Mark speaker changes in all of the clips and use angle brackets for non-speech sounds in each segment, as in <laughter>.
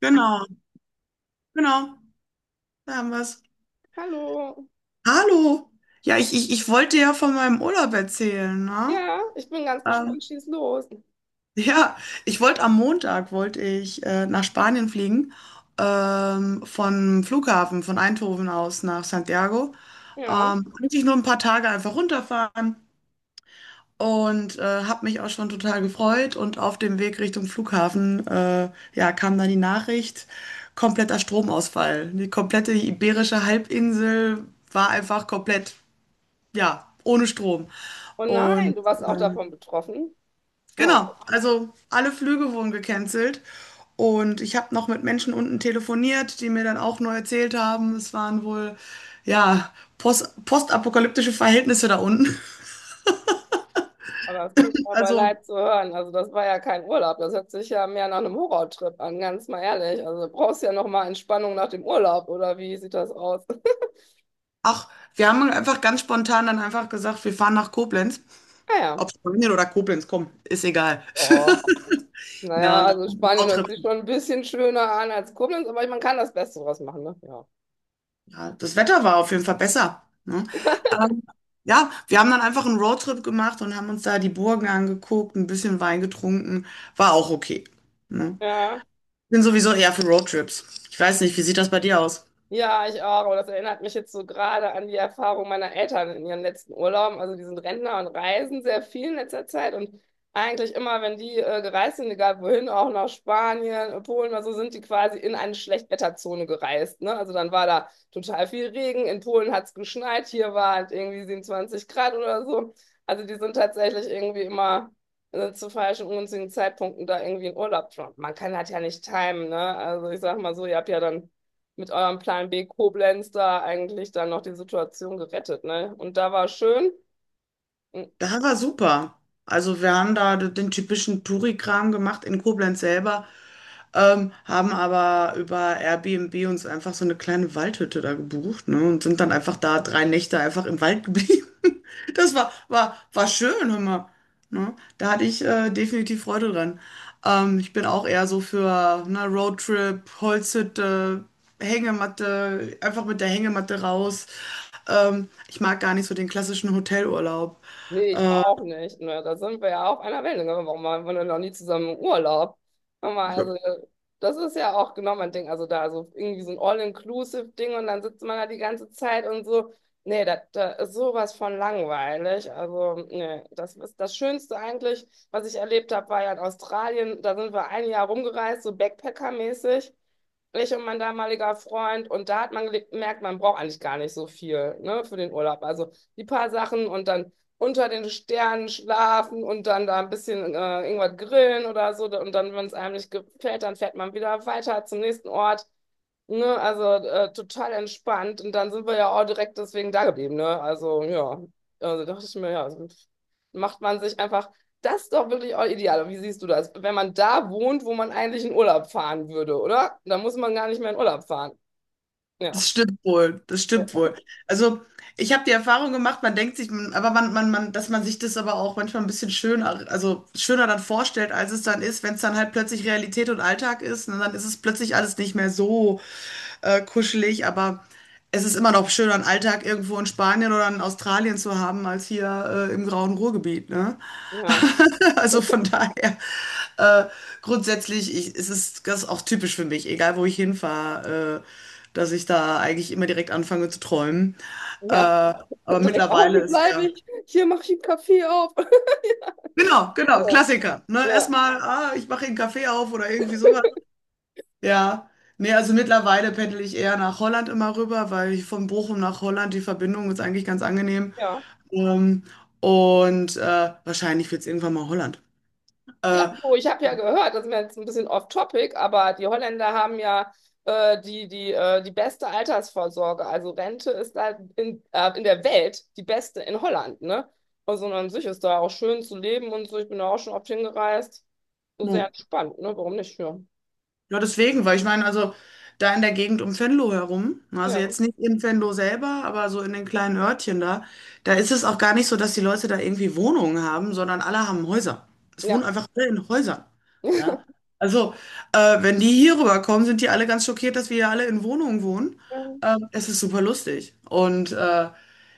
Speaker 1: Genau, genau, da haben wir's.
Speaker 2: Hallo.
Speaker 1: Hallo! Ja, ich wollte ja von meinem Urlaub erzählen, ne?
Speaker 2: Ja, ich bin ganz
Speaker 1: Ähm,
Speaker 2: gespannt. Schieß los.
Speaker 1: <laughs> ja, ich wollte am Montag, wollte ich nach Spanien fliegen, vom Flughafen, von Eindhoven aus nach Santiago.
Speaker 2: Ja.
Speaker 1: Eigentlich nur ein paar Tage einfach runterfahren. Und habe mich auch schon total gefreut. Und auf dem Weg Richtung Flughafen ja, kam dann die Nachricht, kompletter Stromausfall. Die komplette Iberische Halbinsel war einfach komplett, ja, ohne Strom.
Speaker 2: Oh nein,
Speaker 1: Und
Speaker 2: du warst auch davon betroffen. Oh
Speaker 1: genau,
Speaker 2: Gott,
Speaker 1: also alle Flüge wurden gecancelt. Und ich habe noch mit Menschen unten telefoniert, die mir dann auch nur erzählt haben, es waren wohl, ja, postapokalyptische Verhältnisse da unten. <laughs>
Speaker 2: aber das tut mir aber
Speaker 1: Also
Speaker 2: leid zu hören. Also das war ja kein Urlaub. Das hört sich ja mehr nach einem Horrortrip an, ganz mal ehrlich. Also du brauchst ja noch mal Entspannung nach dem Urlaub, oder wie sieht das aus? <laughs>
Speaker 1: Ach, wir haben einfach ganz spontan dann einfach gesagt, wir fahren nach Koblenz.
Speaker 2: Naja.
Speaker 1: Ob Spanien oder Koblenz, komm, ist egal.
Speaker 2: Oh.
Speaker 1: <laughs> Na,
Speaker 2: Naja,
Speaker 1: und dann
Speaker 2: also
Speaker 1: haben wir einen
Speaker 2: Spanien hört
Speaker 1: Roadtrip.
Speaker 2: sich schon ein bisschen schöner an als Koblenz, aber man kann das Beste draus machen, ne? Ja.
Speaker 1: Ja, das Wetter war auf jeden Fall besser. Ne? Ähm, ja, wir haben dann einfach einen Roadtrip gemacht und haben uns da die Burgen angeguckt, ein bisschen Wein getrunken. War auch okay. Ne?
Speaker 2: Ja.
Speaker 1: Bin sowieso eher für Roadtrips. Ich weiß nicht, wie sieht das bei dir aus?
Speaker 2: Ja, ich auch. Und das erinnert mich jetzt so gerade an die Erfahrung meiner Eltern in ihren letzten Urlauben. Also die sind Rentner und reisen sehr viel in letzter Zeit. Und eigentlich immer, wenn die gereist sind, egal wohin, auch nach Spanien, Polen oder so, sind die quasi in eine Schlechtwetterzone gereist. Ne? Also dann war da total viel Regen. In Polen hat es geschneit. Hier waren irgendwie 27 Grad oder so. Also die sind tatsächlich irgendwie immer zu falschen, ungünstigen Zeitpunkten da irgendwie in Urlaub. Man kann das ja nicht timen. Ne? Also ich sag mal so, ihr habt ja dann mit eurem Plan B Koblenz da eigentlich dann noch die Situation gerettet, ne? Und da war schön. Mm,
Speaker 1: Das war super. Also wir haben da den typischen Touri-Kram gemacht in Koblenz selber, haben aber über Airbnb uns einfach so eine kleine Waldhütte da gebucht, ne, und sind dann einfach da 3 Nächte einfach im Wald geblieben. <laughs> Das war schön, hör mal. Ne? Da hatte ich definitiv Freude dran. Ich bin auch eher so für ne, Roadtrip, Holzhütte, Hängematte, einfach mit der Hängematte raus. Ich mag gar nicht so den klassischen Hotelurlaub.
Speaker 2: nee, ich
Speaker 1: Äh,
Speaker 2: auch nicht. Ne? Da sind wir ja auf einer Wellenlänge. Warum waren wir denn noch nie zusammen im Urlaub? Sag mal,
Speaker 1: Ja.
Speaker 2: also, das ist ja auch genau mein Ding. Also da so irgendwie so ein All-Inclusive-Ding und dann sitzt man da die ganze Zeit und so. Nee, das, das ist sowas von langweilig. Also, nee, das ist das Schönste eigentlich, was ich erlebt habe, war ja in Australien. Da sind wir ein Jahr rumgereist, so Backpacker-mäßig. Ich und mein damaliger Freund. Und da hat man gemerkt, man braucht eigentlich gar nicht so viel, ne, für den Urlaub. Also die paar Sachen und dann unter den Sternen schlafen und dann da ein bisschen irgendwas grillen oder so. Und dann, wenn es einem nicht gefällt, dann fährt man wieder weiter zum nächsten Ort. Ne? Also total entspannt. Und dann sind wir ja auch direkt deswegen da geblieben. Ne? Also ja, also dachte ich mir, ja, also macht man sich einfach. Das ist doch wirklich auch ideal. Wie siehst du das? Wenn man da wohnt, wo man eigentlich in Urlaub fahren würde, oder? Dann muss man gar nicht mehr in Urlaub fahren. Ja,
Speaker 1: Das stimmt wohl, das stimmt wohl. Also, ich habe die Erfahrung gemacht, man denkt sich, aber man, dass man sich das aber auch manchmal ein bisschen schöner, also schöner dann vorstellt, als es dann ist, wenn es dann halt plötzlich Realität und Alltag ist, ne, dann ist es plötzlich alles nicht mehr so kuschelig, aber es ist immer noch schöner, einen Alltag irgendwo in Spanien oder in Australien zu haben, als hier im grauen Ruhrgebiet, ne?
Speaker 2: ja,
Speaker 1: <laughs> Also von daher, äh, grundsätzlich ich, es ist das ist auch typisch für mich, egal wo ich hinfahre, dass ich da eigentlich immer direkt anfange zu träumen. Äh,
Speaker 2: ja. <laughs>
Speaker 1: aber
Speaker 2: Direkt, oh,
Speaker 1: mittlerweile
Speaker 2: hier
Speaker 1: ist
Speaker 2: bleibe
Speaker 1: ja.
Speaker 2: ich, hier mache ich einen Kaffee auf. <laughs>
Speaker 1: Genau, genau,
Speaker 2: Ja,
Speaker 1: Klassiker. Ne?
Speaker 2: ja.
Speaker 1: Erstmal, ah, ich mache einen Kaffee auf oder irgendwie sowas. Ja. Nee, also mittlerweile pendel ich eher nach Holland immer rüber, weil ich von Bochum nach Holland, die Verbindung ist eigentlich ganz angenehm.
Speaker 2: Ja.
Speaker 1: Ähm, und wahrscheinlich wird es irgendwann mal Holland.
Speaker 2: Ja,
Speaker 1: Äh,
Speaker 2: du, ich habe ja gehört, das ist mir jetzt ein bisschen off-topic, aber die Holländer haben ja die beste Altersvorsorge. Also Rente ist da in der Welt die beste in Holland, ne? Also und an sich ist da auch schön zu leben und so. Ich bin da auch schon oft hingereist. So
Speaker 1: so.
Speaker 2: sehr entspannt, ne? Warum nicht? Ja.
Speaker 1: Ja, deswegen, weil ich meine, also da in der Gegend um Venlo herum, also jetzt nicht in Venlo selber, aber so in den kleinen Örtchen da, da ist es auch gar nicht so, dass die Leute da irgendwie Wohnungen haben, sondern alle haben Häuser. Es wohnen
Speaker 2: Ja.
Speaker 1: einfach alle in Häusern. Ja. Also, wenn die hier rüberkommen, sind die alle ganz schockiert, dass wir hier alle in Wohnungen wohnen.
Speaker 2: Ja.
Speaker 1: Es ist super lustig. Und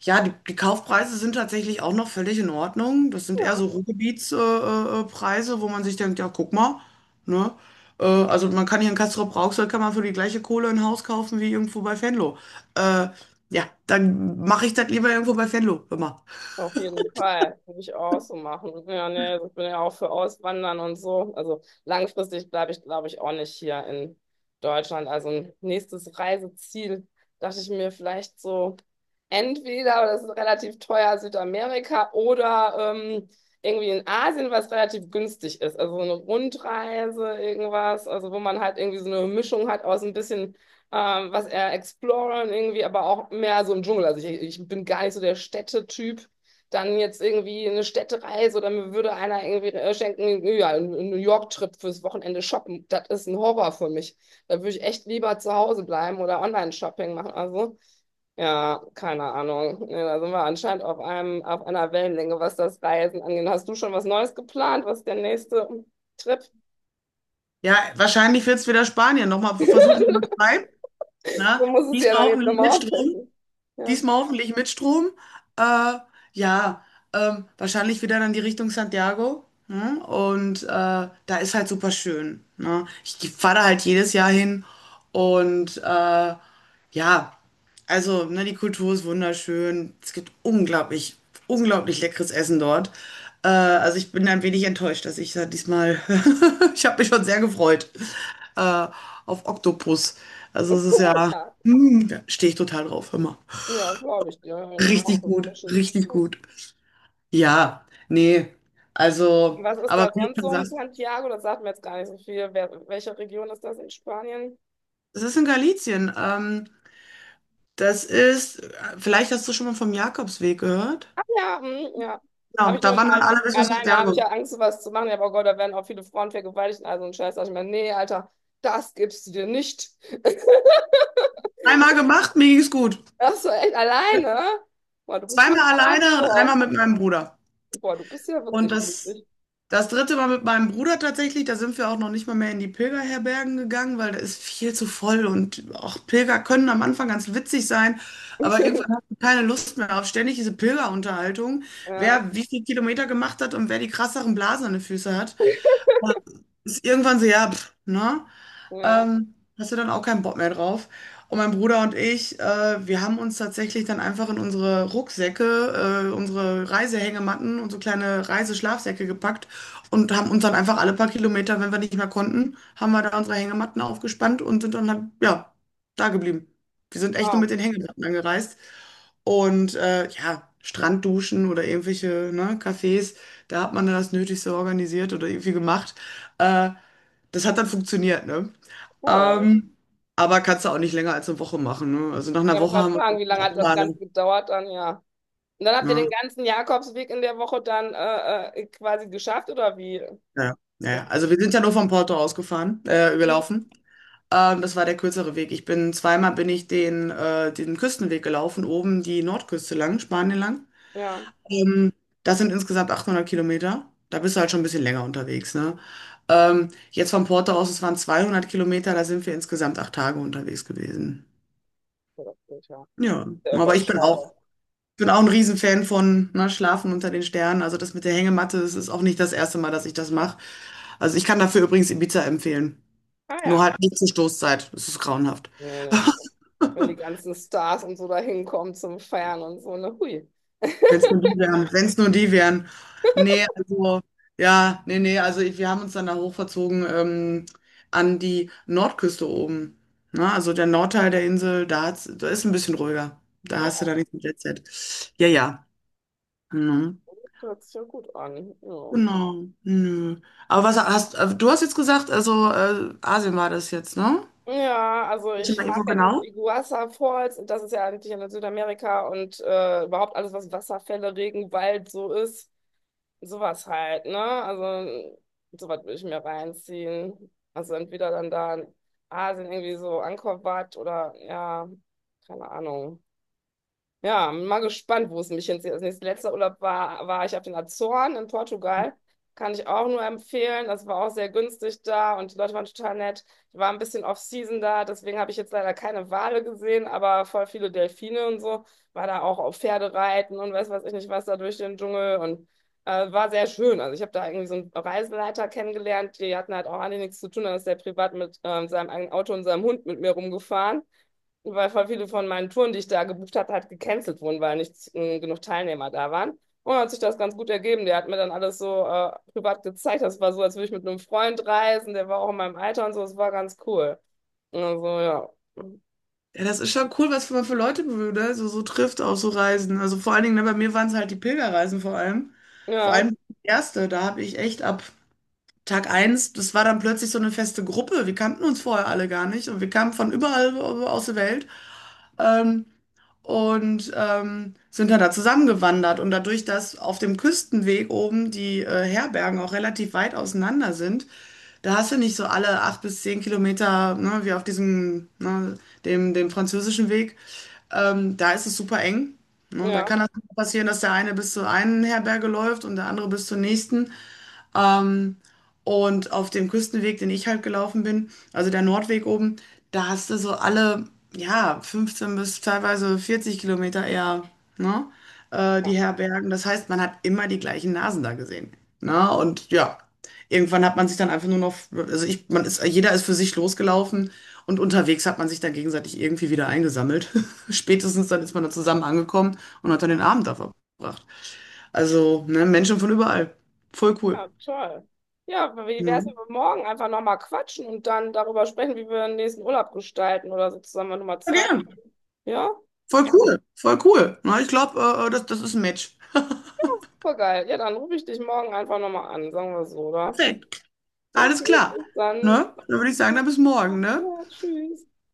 Speaker 1: ja, die Kaufpreise sind tatsächlich auch noch völlig in Ordnung. Das sind eher so Ruhrgebietspreise, Preise, wo man sich denkt, ja, guck mal, ne? Also man kann hier in Castrop-Rauxel kann man für die gleiche Kohle ein Haus kaufen wie irgendwo bei Venlo. Äh, ja, dann mache ich das lieber irgendwo bei Venlo, hör mal.
Speaker 2: Auf jeden Fall. Würde ich auch so machen. Ja, nee, ich bin ja auch für Auswandern und so. Also langfristig bleibe ich, glaube ich, auch nicht hier in Deutschland. Also ein nächstes Reiseziel dachte ich mir vielleicht so, entweder, aber das ist relativ teuer, Südamerika oder irgendwie in Asien, was relativ günstig ist. Also so eine Rundreise, irgendwas, also wo man halt irgendwie so eine Mischung hat aus ein bisschen was eher exploren irgendwie, aber auch mehr so im Dschungel. Also ich bin gar nicht so der Städtetyp dann jetzt irgendwie eine Städtereise oder mir würde einer irgendwie schenken, ja, ein New York-Trip fürs Wochenende shoppen. Das ist ein Horror für mich. Da würde ich echt lieber zu Hause bleiben oder Online-Shopping machen. Also, ja, keine Ahnung. Nee, da sind wir anscheinend auf einem, auf einer Wellenlänge, was das Reisen angeht. Hast du schon was Neues geplant? Was ist der nächste Trip?
Speaker 1: Ja, wahrscheinlich wird es wieder Spanien. Nochmal versuchen, was
Speaker 2: <laughs>
Speaker 1: bleibt. Ne?
Speaker 2: Du musst es ja
Speaker 1: Diesmal
Speaker 2: dann jetzt
Speaker 1: hoffentlich mit
Speaker 2: nochmal
Speaker 1: Strom.
Speaker 2: austesten. Ja.
Speaker 1: Diesmal hoffentlich mit Strom. Äh, ja, wahrscheinlich wieder dann die Richtung Santiago. Ne? Und da ist halt super schön. Ne? Ich fahre da halt jedes Jahr hin. Und ja, also ne, die Kultur ist wunderschön. Es gibt unglaublich, unglaublich leckeres Essen dort. Also ich bin ein wenig enttäuscht, dass ich da diesmal, <laughs> ich habe mich schon sehr gefreut äh, auf Oktopus. Also es ist
Speaker 2: Oh,
Speaker 1: ja,
Speaker 2: ja.
Speaker 1: stehe ich total drauf, immer.
Speaker 2: Ja, glaube ich dir. Ja, ich
Speaker 1: Richtig
Speaker 2: hoffe,
Speaker 1: gut,
Speaker 2: das ist
Speaker 1: richtig
Speaker 2: cool.
Speaker 1: gut. Ja, nee, also,
Speaker 2: Was ist
Speaker 1: aber
Speaker 2: da
Speaker 1: wie du
Speaker 2: sonst so
Speaker 1: schon
Speaker 2: um
Speaker 1: sagst,
Speaker 2: Santiago? Das sagt mir jetzt gar nicht so viel. Wer, welche Region ist das in Spanien?
Speaker 1: es ist in Galizien. Das ist, vielleicht hast du schon mal vom Jakobsweg gehört.
Speaker 2: Ach ja, hm, ja. Habe
Speaker 1: Ja,
Speaker 2: ich nur
Speaker 1: da
Speaker 2: mal
Speaker 1: wandern
Speaker 2: lang,
Speaker 1: alle bis nach
Speaker 2: alleine, habe ich ja
Speaker 1: Santiago.
Speaker 2: Angst, sowas zu machen. Ja, aber Gott, da werden auch viele Frauen vergewaltigt. Also ein Scheiß, sag ich mir, nee, Alter, das gibst du dir nicht. <laughs>
Speaker 1: Einmal gemacht, mir ging's gut.
Speaker 2: Ach so, echt alleine? Boah, du bist ja
Speaker 1: Zweimal alleine und einmal
Speaker 2: hardcore.
Speaker 1: mit meinem Bruder.
Speaker 2: Boah, du bist ja
Speaker 1: Und
Speaker 2: wirklich
Speaker 1: das,
Speaker 2: mutig.
Speaker 1: das dritte Mal mit meinem Bruder tatsächlich, da sind wir auch noch nicht mal mehr in die Pilgerherbergen gegangen, weil da ist viel zu voll und auch Pilger können am Anfang ganz witzig sein, aber irgendwann hast
Speaker 2: <laughs>
Speaker 1: du keine Lust mehr auf ständig diese Pilgerunterhaltung,
Speaker 2: Ja,
Speaker 1: wer wie viele Kilometer gemacht hat und wer die krasseren Blasen an den Füßen hat. Also ist irgendwann so, ja, pff, ne?
Speaker 2: ja.
Speaker 1: Hast du dann auch keinen Bock mehr drauf. Und mein Bruder und ich, wir haben uns tatsächlich dann einfach in unsere Rucksäcke, unsere Reisehängematten und so kleine Reiseschlafsäcke gepackt und haben uns dann einfach alle paar Kilometer, wenn wir nicht mehr konnten, haben wir da unsere Hängematten aufgespannt und sind dann halt, ja, da geblieben. Wir sind echt nur mit
Speaker 2: Wow,
Speaker 1: den Hängematten angereist. Und ja, Strandduschen oder irgendwelche, ne, Cafés, da hat man dann das Nötigste organisiert oder irgendwie gemacht. Äh, Das hat dann funktioniert, ne?
Speaker 2: cool.
Speaker 1: Ähm, aber kannst du auch nicht länger als eine Woche machen, ne? Also, nach
Speaker 2: Ja,
Speaker 1: einer
Speaker 2: ich wollte
Speaker 1: Woche
Speaker 2: gerade
Speaker 1: haben wir
Speaker 2: fragen,
Speaker 1: uns
Speaker 2: wie lange hat
Speaker 1: auch
Speaker 2: das
Speaker 1: mal
Speaker 2: Ganze
Speaker 1: ne?
Speaker 2: gedauert dann? Ja. Und dann habt ihr
Speaker 1: Ja,
Speaker 2: den
Speaker 1: ja.
Speaker 2: ganzen Jakobsweg in der Woche dann quasi geschafft, oder wie?
Speaker 1: Ja,
Speaker 2: Und,
Speaker 1: ja. Also, wir sind ja nur von Porto ausgefahren
Speaker 2: mhm.
Speaker 1: gelaufen. Das war der kürzere Weg. Ich bin zweimal bin ich den Küstenweg gelaufen, oben die Nordküste lang, Spanien lang.
Speaker 2: Ja,
Speaker 1: Ähm, Das sind insgesamt 800 Kilometer. Da bist du halt schon ein bisschen länger unterwegs, ne? Jetzt von Porto aus, es waren 200 Kilometer, da sind wir insgesamt 8 Tage unterwegs gewesen.
Speaker 2: ja, das geht ja.
Speaker 1: Ja,
Speaker 2: Sehr
Speaker 1: aber ich bin auch
Speaker 2: überschaubar.
Speaker 1: Ich bin auch ein Riesenfan von ne, Schlafen unter den Sternen. Also das mit der Hängematte, das ist auch nicht das erste Mal, dass ich das mache. Also ich kann dafür übrigens Ibiza empfehlen.
Speaker 2: Ah
Speaker 1: Nur
Speaker 2: ja.
Speaker 1: halt nicht zur Stoßzeit. Das ist grauenhaft.
Speaker 2: Nee, nee, nee.
Speaker 1: <laughs>
Speaker 2: Wenn die ganzen Stars und so da hinkommen zum Feiern und so, ne, hui.
Speaker 1: Wenn es nur die wären. Wenn es nur die wären. Nee, also, ja, nee, nee, also ich, wir haben uns dann da hochverzogen an die Nordküste oben. Na, also der Nordteil der Insel, da, hat's, da ist ein bisschen ruhiger. Da
Speaker 2: Ja,
Speaker 1: hast du da nichts mit Jet Set. Ja, ja. Mhm.
Speaker 2: das hört sich ja gut an. Ja.
Speaker 1: Genau, nö. Aber was hast du hast jetzt gesagt, also Asien war das jetzt, ne?
Speaker 2: Ja, also
Speaker 1: Ich
Speaker 2: ich
Speaker 1: meine,
Speaker 2: mag
Speaker 1: wo
Speaker 2: ja diese
Speaker 1: genau?
Speaker 2: Iguazu Falls und das ist ja eigentlich in Südamerika und überhaupt alles, was Wasserfälle, Regenwald so ist. Sowas halt, ne? Also, sowas würde ich mir reinziehen. Also, entweder dann da in Asien irgendwie so Angkor Wat oder, ja, keine Ahnung. Ja, bin mal gespannt, wo es mich hinzieht. Das nächste letzte Urlaub war, ich auf den Azoren in Portugal. Kann ich auch nur empfehlen. Das war auch sehr günstig da und die Leute waren total nett. Ich war ein bisschen off-season da, deswegen habe ich jetzt leider keine Wale gesehen, aber voll viele Delfine und so. War da auch auf Pferdereiten und weiß was ich nicht was da durch den Dschungel und war sehr schön. Also ich habe da irgendwie so einen Reiseleiter kennengelernt. Die hatten halt auch alle nichts zu tun. Da ist der privat mit seinem eigenen Auto und seinem Hund mit mir rumgefahren weil voll viele von meinen Touren, die ich da gebucht hatte, halt gecancelt wurden, weil nicht genug Teilnehmer da waren. Und hat sich das ganz gut ergeben. Der hat mir dann alles so privat gezeigt. Das war so, als würde ich mit einem Freund reisen. Der war auch in meinem Alter und so. Es war ganz cool. Also, ja.
Speaker 1: Ja, das ist schon cool, was man für Leute ne? so trifft auf so Reisen. Also vor allen Dingen, ne, bei mir waren es halt die Pilgerreisen vor allem. Vor
Speaker 2: Ja,
Speaker 1: allem die erste, da habe ich echt ab Tag eins, das war dann plötzlich so eine feste Gruppe. Wir kannten uns vorher alle gar nicht und wir kamen von überall aus der Welt. Ähm, und sind dann da zusammengewandert. Und dadurch, dass auf dem Küstenweg oben die Herbergen auch relativ weit auseinander sind, da hast du nicht so alle 8 bis 10 Kilometer, ne, wie auf diesem, ne, dem französischen Weg. Da ist es super eng. Ne, da
Speaker 2: ja.
Speaker 1: kann das passieren, dass der eine bis zur einen Herberge läuft und der andere bis zur nächsten. Ähm, und auf dem Küstenweg, den ich halt gelaufen bin, also der Nordweg oben, da hast du so alle, ja, 15 bis teilweise 40 Kilometer eher, ne,
Speaker 2: Ja,
Speaker 1: die Herbergen. Das heißt, man hat immer die gleichen Nasen da gesehen. Ne? Und ja, irgendwann hat man sich dann einfach nur noch, also ich, man ist, jeder ist für sich losgelaufen und unterwegs hat man sich dann gegenseitig irgendwie wieder eingesammelt. <laughs> Spätestens dann ist man dann zusammen angekommen und hat dann den Abend da verbracht. Also, ne, Menschen von überall. Voll cool.
Speaker 2: ja, toll. Ja, wie wäre
Speaker 1: Ne?
Speaker 2: es, wenn wir morgen einfach nochmal quatschen und dann darüber sprechen, wie wir den nächsten Urlaub gestalten oder so zusammen, wenn du mal
Speaker 1: Voll
Speaker 2: Zeit
Speaker 1: gern.
Speaker 2: hast? Ja,
Speaker 1: Voll cool. Voll cool. Na, ich glaube, das ist ein Match.
Speaker 2: voll geil. Ja, dann rufe ich dich morgen einfach nochmal an, sagen wir so, oder?
Speaker 1: Perfekt. Alles
Speaker 2: Okay,
Speaker 1: klar.
Speaker 2: bis dann.
Speaker 1: Ne? Dann würde ich sagen,
Speaker 2: Ja.
Speaker 1: dann bis morgen, ne?
Speaker 2: Ja, tschüss.